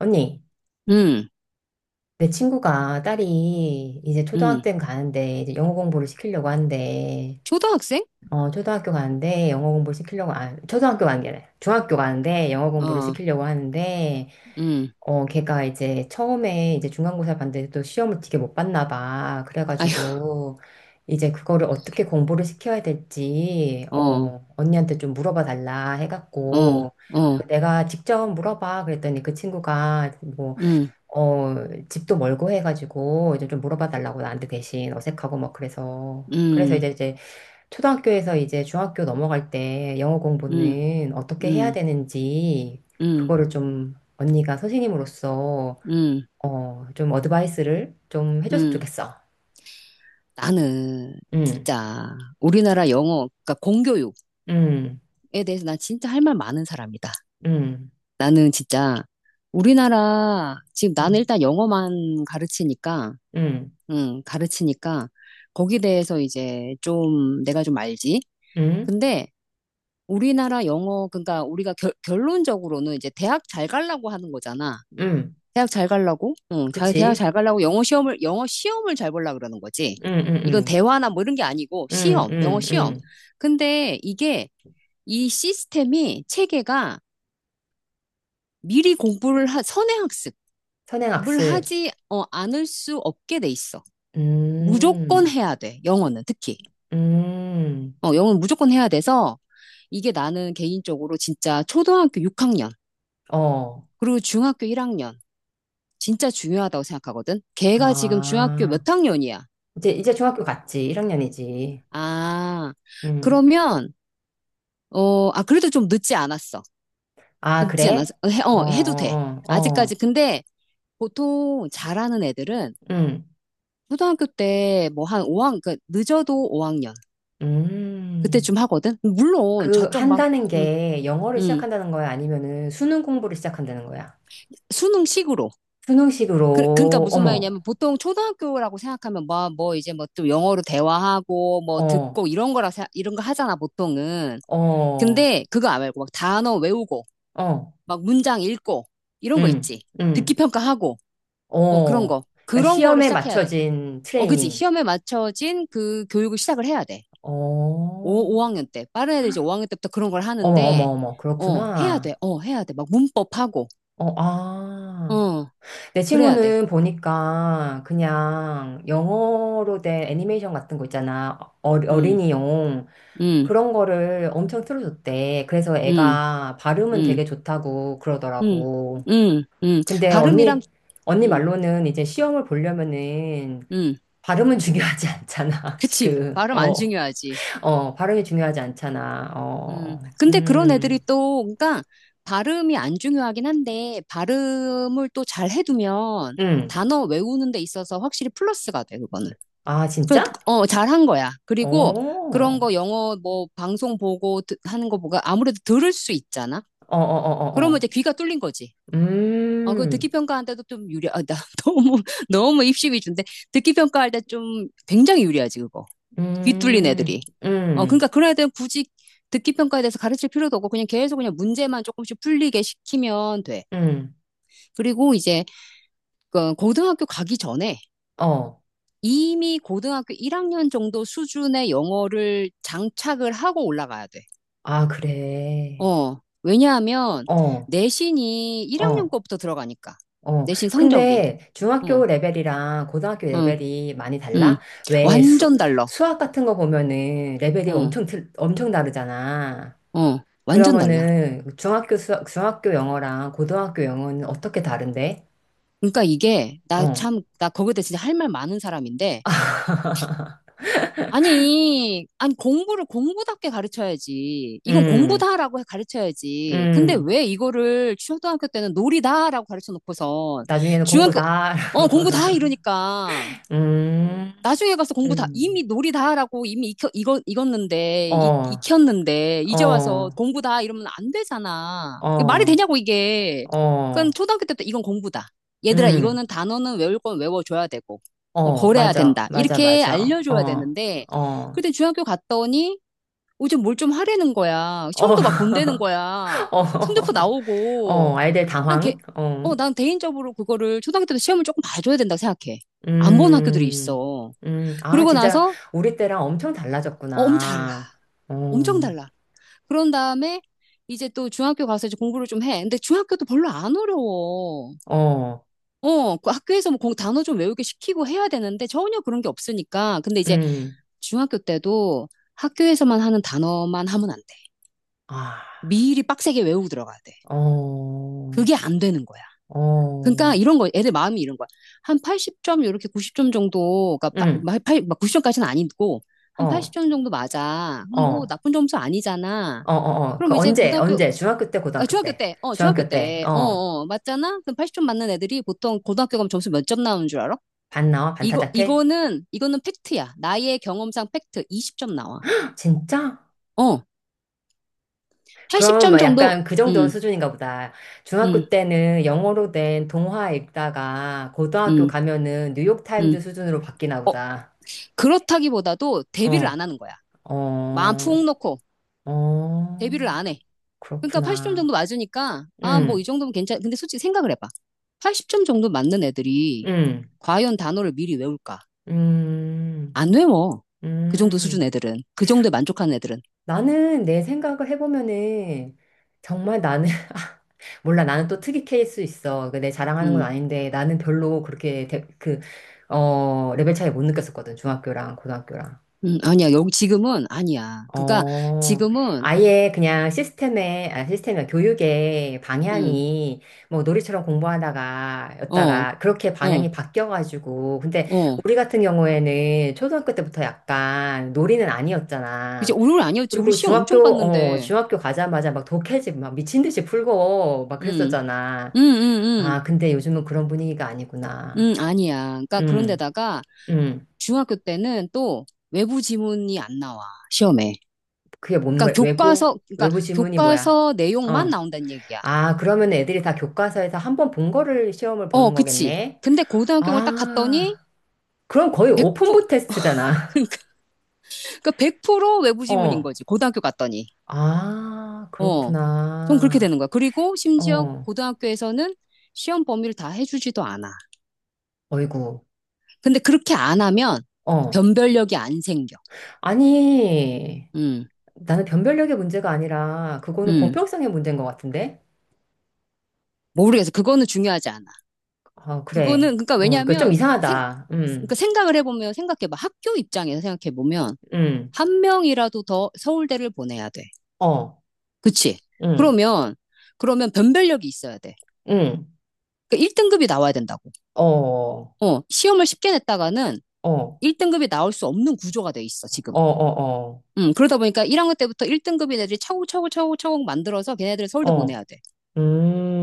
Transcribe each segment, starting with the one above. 언니, 음, 내 친구가 딸이 이제 음. 초등학생 가는데 이제 영어 공부를 시키려고 하는데 초등학생? 어 초등학교 가는데 영어 공부를 시키려고 아 초등학교 가는 게 아니라 중학교 가는데 영어 공부를 어, 시키려고 하는데 음. 어 걔가 이제 처음에 이제 중간고사 봤는데 또 시험을 되게 못 봤나 봐 아유, 그래가지고 이제 그거를 어떻게 공부를 시켜야 될지 어, 어 언니한테 좀 물어봐 달라 어, 해갖고 어, 아, 내가 직접 물어봐 그랬더니 그 친구가 뭐 음, 어, 집도 멀고 해가지고 이제 좀 물어봐 달라고 나한테 대신 어색하고 막 그래서 그래서 음, 이제 초등학교에서 이제 중학교 넘어갈 때 영어 음, 공부는 어떻게 해야 음, 되는지 음, 그거를 좀 언니가 선생님으로서 음, 어, 좀 어드바이스를 좀 해줬으면 음. 좋겠어. 나는 응, 진짜 우리나라 영어, 그러니까 공교육에 응, 대해서 난 진짜 할 말 많은 사람이다. 응, 나는 진짜 우리나라, 지금 나는 응, 일단 영어만 가르치니까, 응, 가르치니까 거기에 대해서 이제 좀 내가 좀 알지. 응, 근데 우리나라 영어, 그러니까 우리가 결론적으로는 이제 대학 잘 가려고 하는 거잖아. 응, 대학 잘 가려고, 응, 자, 대학 그치? 잘 가려고 영어 시험을 잘 보려고 그러는 거지. 응, 응, 이건 응, 대화나 뭐 이런 게 아니고 응, 시험, 영어 응, 시험. 응. 근데 이게 이 시스템이 체계가 미리 선행학습을 선행학습. 하지 않을 수 없게 돼 있어. 무조건 음, 해야 돼. 영어는 특히. 음, 영어는 무조건 해야 돼서 이게 나는 개인적으로 진짜 초등학교 6학년, 어. 그리고 중학교 1학년, 진짜 중요하다고 생각하거든. 걔가 지금 중학교 아, 몇 학년이야? 이제 중학교 갔지. 1학년이지. 아, 음. 그러면, 아, 그래도 좀 늦지 않았어. 아, 늦지 않았어. 그래? 어, 해도 돼. 어, 어, 아직까지. 어. 근데 보통 잘하는 애들은 음, 초등학교 때 뭐 한 오학 그 늦어도 5학년. 음. 그때쯤 하거든. 물론 그, 저쪽 막, 한다는 음, 게 영어를 음, 시작한다는 거야? 아니면은 수능 공부를 시작한다는 거야? 수능식으로. 그러니까 수능식으로, 무슨 어머, 말이냐면 보통 초등학교라고 생각하면 뭐 이제 뭐 좀 영어로 대화하고 뭐 어, 듣고 이런 거 하잖아, 보통은. 어, 근데 그거 안 말고 막 단어 외우고 어, 막 문장 읽고 이런 거 음, 있지. 듣기 음, 평가하고 어 그런 어. 거. 그러니까 그런 거를 시험에 시작해야 돼. 맞춰진 어 그지. 트레이닝. 시험에 맞춰진 그 교육을 시작을 해야 돼. 어, 오 5학년 때. 빠른 애들 이제 5학년 때부터 그런 걸 어머, 어머, 하는데 어머. 어 해야 돼. 그렇구나. 어 해야 돼. 막 문법하고 어, 아. 어 내 그래야 돼. 친구는 보니까 그냥 영어로 된 애니메이션 같은 거 있잖아. 어, 음. 어린이용. 음. 그런 거를 엄청 틀어줬대. 그래서 음. 애가 발음은 음. 되게 좋다고 음. 그러더라고. 음. 음. 근데 발음이랑 언니, 언니 음. 말로는 이제 시험을 보려면은 음. 발음은 중요하지 않잖아. 그치. 지금. 발음 안 어, 중요하지. 어, 발음이 중요하지 않잖아. 어, 근데 그런 애들이 음, 또, 그러니까 발음이 안 중요하긴 한데, 발음을 또 잘 해두면 음. 단어 외우는 데 있어서 확실히 플러스가 돼, 그거는. 아, 그, 진짜? 잘한 거야. 어, 그리고 그런 어, 거 영어 뭐 하는 거 보고 아무래도 들을 수 있잖아? 어, 어, 어. 그러면 이제 어. 귀가 뚫린 거지. 그 듣기 음. 평가한때도 나 너무, 너무 입시 위주인데, 듣기 평가할 때 좀 굉장히 유리하지, 그거. 귀 뚫린 음, 애들이. 음, 그러니까 그런 애들은 굳이 듣기 평가에 대해서 가르칠 필요도 없고 그냥 계속 그냥 문제만 조금씩 풀리게 시키면 돼. 음, 그리고 이제 그 고등학교 가기 전에 어. 이미 고등학교 1학년 정도 수준의 영어를 장착을 하고 올라가야 돼. 아, 그래. 왜냐하면 어, 내신이 1학년 어, 거부터 들어가니까. 어. 내신 성적이. 근데 중학교 응, 레벨이랑 고등학교 응, 레벨이 많이 응. 달라? 왜 수, 완전 달라. 수학 같은 거 보면은 레벨이 응, 엄청, 엄청 다르잖아. 응. 완전 달라. 그러면은 중학교 수학, 중학교 영어랑 고등학교 영어는 어떻게 다른데? 그러니까 이게 나 어, 참, 나 거기에 대해 진짜 할 말 많은 사람인데 아니, 공부를 공부답게 가르쳐야지. 이건 음, 공부다라고 가르쳐야지. 근데 음. 왜 이거를 초등학교 때는 놀이다라고 가르쳐 놓고선 나중에는 공부 중학교, 다, 공부다 이러니까. 음, 나중에 가서 공부 다, 음. 이미 놀이 다 하라고 이미 익었는데, 어, 익혔는데, 이제 와서 어, 공부 다 이러면 안 되잖아. 이게 말이 어, 되냐고, 이게. 그러니까 어. 초등학교 때부터 이건 공부다. 얘들아, 음, 이거는 단어는 외울 건 외워줘야 되고, 어, 어, 거래야 맞아, 된다. 맞아, 이렇게 맞아. 알려줘야 어, 되는데, 어, 그때 중학교 갔더니, 좀뭘 좀 하라는 거야. 어, 시험도 막 본다는 거야. 어, 성적표 나오고, 어, 아이들 난 개, 당황. 어, 난 개인적으로 그거를 초등학교 때도 시험을 조금 봐줘야 된다고 생각해. 안 본 학교들이 음, 있어. 아, 그러고 진짜 나서 우리 때랑 엄청 어, 엄 달라. 달라졌구나. 엄청 어, 달라. 그런 다음에 이제 또 중학교 가서 이제 공부를 좀 해. 근데 중학교도 별로 안 어려워. 어, 어, 그 학교에서 뭐 단어 좀 외우게 시키고 해야 되는데 전혀 그런 게 없으니까. 근데 이제 음, 중학교 때도 학교에서만 하는 단어만 하면 안 돼. 아, 미리 빡세게 외우고 들어가야 돼. 어, 그게 안 되는 거야. 어, 그러니까 이런 거 애들 마음이 이런 거야. 한 80점 이렇게 90점 정도 그러니까 음, 90점까지는 아니고 어, 한 어, 80점 정도 맞아. 그럼 뭐 어, 나쁜 점수 아니잖아. 어, 어, 그 그럼 이제 언제, 고등학교 언제? 중학교 때, 고등학교 때, 중학교 중학교 때, 때, 어, 맞잖아? 그럼 80점 맞는 애들이 보통 고등학교 가면 점수 몇 점 나오는 줄 알아? 반 나와, 반 타작해? 이거는 팩트야. 나의 경험상 팩트 20점 나와. 진짜? 어, 그럼 80점 막 정도, 약간 그 정도 음, 수준인가 보다. 중학교 음, 때는 영어로 된 동화 읽다가 고등학교 음, 가면은 음. 뉴욕타임즈 수준으로 바뀌나 어, 보다. 그렇다기보다도 대비를 안 어, 하는 거야. 마음 푹 어, 놓고 대비를 어, 안 해. 그러니까 80점 그렇구나. 정도 맞으니까, 아, 뭐 이 음, 정도면 괜찮, 근데 솔직히 생각을 해봐. 80점 정도 맞는 애들이 음, 과연 단어를 미리 외울까? 음, 안 외워. 그 정도 수준 음. 애들은. 그 정도에 만족하는 애들은. 나는 내 생각을 해보면은 정말 나는, 몰라, 나는 또 특이 케이스 있어. 그내 자랑하는 건 음, 아닌데 나는 별로 그렇게 그, 어, 레벨 차이 못 느꼈었거든. 중학교랑 고등학교랑. 아니야. 여기 지금은 아니야. 그러니까 어, 지금은, 아예 그냥 시스템에, 아, 시스템이 교육의 음, 방향이 뭐 놀이처럼 공부하다가, 어, 였다가, 그렇게 어, 방향이 바뀌어가지고. 근데 어. 우리 같은 경우에는 초등학교 때부터 약간 놀이는 그치, 아니었잖아. 오류는 아니었지. 우리 그리고 시험 엄청 중학교, 어, 봤는데. 중학교 가자마자 막 독해집 막 미친 듯이 풀고 막 음, 그랬었잖아. 음, 음, 아, 근데 요즘은 그런 분위기가 아니구나. 아니야. 그러니까 음, 그런데다가 음. 중학교 때는 또 외부 지문이 안 나와. 시험에. 그게 뭔, 그러니까 외부, 교과서, 그러니까 외부 지문이 뭐야? 교과서 내용만 어. 나온다는 얘기야. 아, 그러면 애들이 다 교과서에서 한번 본 거를 시험을 어, 보는 그치. 거겠네? 근데 고등학교를 딱 갔더니 아, 그럼 거의 100%, 오픈북 테스트잖아. 그러니까, 그러니까 100% 외부 지문인 어. 거지. 고등학교 갔더니. 아, 어. 좀 그렇게 그렇구나. 되는 거야. 그리고 심지어 어. 고등학교에서는 시험 범위를 다 해주지도 않아. 어이구. 근데 그렇게 안 하면 어. 변별력이 안 생겨. 아니, 음, 나는 변별력의 문제가 아니라, 그거는 음. 공평성의 문제인 것 같은데? 모르겠어. 그거는 중요하지 않아. 어, 그래. 그거는, 그러니까 어, 그좀 이상하다. 그러니까 생각을 해보면, 생각해봐. 학교 입장에서 생각해보면, 음, 한 명이라도 더 서울대를 보내야 돼. 어, 그치? 음, 그러면, 그러면 변별력이 있어야 돼. 음, 그러니까 1등급이 나와야 된다고. 어, 어, 어, 시험을 쉽게 냈다가는 어, 1등급이 나올 수 없는 구조가 돼 있어, 지금. 어, 어, 그러다 보니까 1학년 때부터 1등급인 애들이 차곡차곡 차곡차곡 만들어서 걔네들을 서울대 어, 보내야 돼.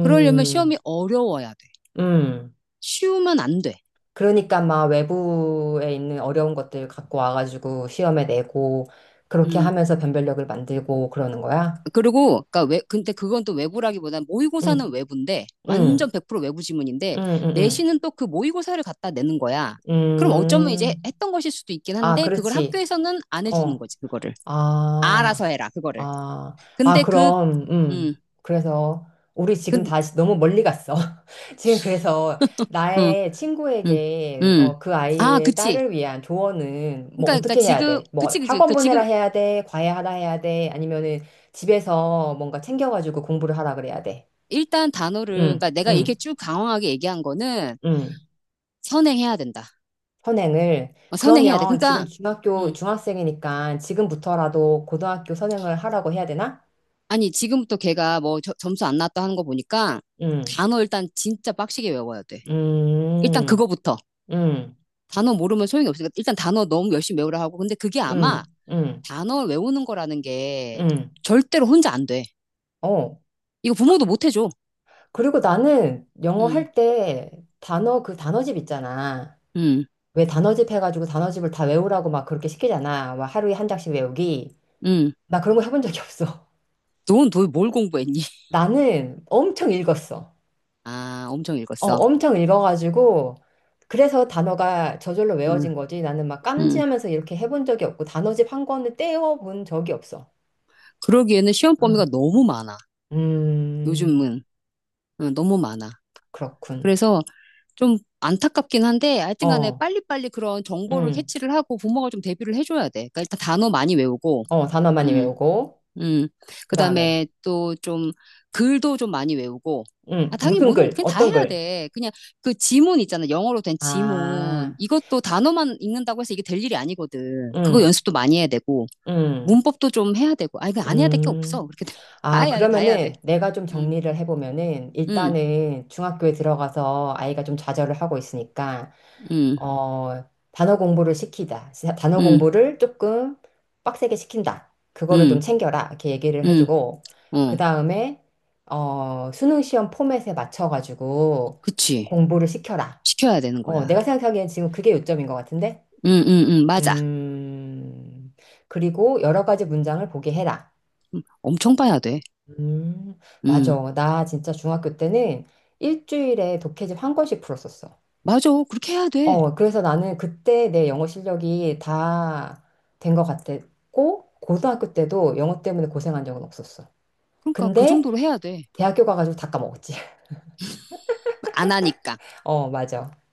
그러려면 시험이 어려워야 돼. 음. 쉬우면 안 돼. 그러니까 막 외부에 있는 어려운 것들 갖고 와가지고 시험에 내고 그렇게 음. 하면서 변별력을 만들고 그러는 거야? 그리고 그러니까 외 근데 그건 또 외부라기보다는 모의고사는 응, 외부인데 응, 완전 100% 외부 지문인데 응, 응, 내신은 또 그 모의고사를 갖다 내는 거야. 응. 그럼 어쩌면 이제 했던 것일 수도 있긴 아, 한데 그걸 그렇지. 학교에서는 안 해주는 어. 거지 그거를 알아서 아, 해라 그거를. 아, 아, 근데 그 그럼, 음, 그래서 우리 지금 그, 다시 너무 멀리 갔어. 지금 그래서 음, 나의 음, 친구에게 음. 어, 그 아, 아이의 그치. 딸을 위한 조언은 뭐 그러니까 어떻게 해야 지금, 돼? 뭐 그치. 학원 그러니까 보내라 지금 해야 돼? 과외 하라 해야 돼? 아니면은 집에서 뭔가 챙겨가지고 공부를 하라 그래야 돼? 일단 단어를, 응, 그러니까 내가 이렇게 응, 쭉 강황하게 얘기한 거는 응. 선행해야 된다. 선행을. 어, 선행해야 돼. 그러면 지금 그러니까, 중학교, 음, 중학생이니까 지금부터라도 고등학교 선행을 하라고 해야 되나? 아니, 지금부터 걔가 점수 안 나왔다 하는 거 보니까 응. 단어 일단 진짜 빡시게 외워야 돼. 일단 음, 그거부터. 음, 단어 모르면 소용이 없으니까 일단 단어 너무 열심히 외우라 하고. 근데 그게 아마 음, 음, 단어 외우는 거라는 게 음. 절대로 혼자 안 돼. 어. 이거 부모도 못 해줘. 그리고 나는 영어 음, 할 때 단어, 그 단어집 있잖아. 음, 왜 단어집 해가지고 단어집을 다 외우라고 막 그렇게 시키잖아. 막 하루에 한 장씩 외우기. 음. 나 그런 거 해본 적이 없어. 넌 도대체 뭘 공부했니? 나는 엄청 읽었어. 아, 엄청 어, 읽었어. 엄청 읽어가지고. 그래서 단어가 저절로 음, 외워진 거지. 나는 막 음. 깜지하면서 이렇게 해본 적이 없고, 단어집 한 권을 떼어본 적이 없어. 그러기에는 시험 범위가 음, 너무 많아. 음, 요즘은. 응, 너무 많아. 그렇군. 그래서 좀 안타깝긴 한데 하여튼 간에 어. 빨리빨리 그런 정보를 음. 캐치를 하고 부모가 좀 대비를 해줘야 돼. 그러니까 일단 단어 많이 외우고, 어, 단어 많이 음, 외우고, 음. 그 다음에, 그다음에 또 좀 글도 좀 많이 외우고. 아, 당연히 무슨 모든 것도 글, 그냥 다 어떤 해야 글? 돼. 그냥 그 지문 있잖아. 영어로 된 지문. 아, 이것도 단어만 읽는다고 해서 이게 될 일이 아니거든. 그거 음, 연습도 많이 해야 되고, 음, 문법도 좀 해야 되고. 아니, 그안 해야 될 게 음. 없어. 그렇게 되면 다 아, 해야 돼, 다 해야 돼. 그러면은 내가 좀 음, 정리를 해보면은 음, 일단은 중학교에 들어가서 아이가 좀 좌절을 하고 있으니까, 음, 어, 단어 공부를 시키자. 단어 음, 공부를 조금 빡세게 시킨다. 그거를 좀 음, 챙겨라. 이렇게 얘기를 음, 해주고, 그 어, 다음에, 어, 수능 시험 포맷에 맞춰가지고 그치. 공부를 시켜라. 시켜야 되는 어, 거야. 내가 생각하기엔 지금 그게 요점인 것 같은데? 응, 맞아. 음, 그리고 여러 가지 문장을 보게 해라. 엄청 봐야 돼. 음, 응, 맞아. 나 진짜 중학교 때는 일주일에 독해집 한 권씩 풀었었어. 맞아. 그렇게 해야 돼. 어, 그래서 나는 그때 내 영어 실력이 다 된 것 같았고, 고등학교 때도 영어 때문에 고생한 적은 없었어. 그러니까 그 근데 정도로 해야 돼. 대학교 가가지고 다 까먹었지. 안 하니까. 어, 맞아.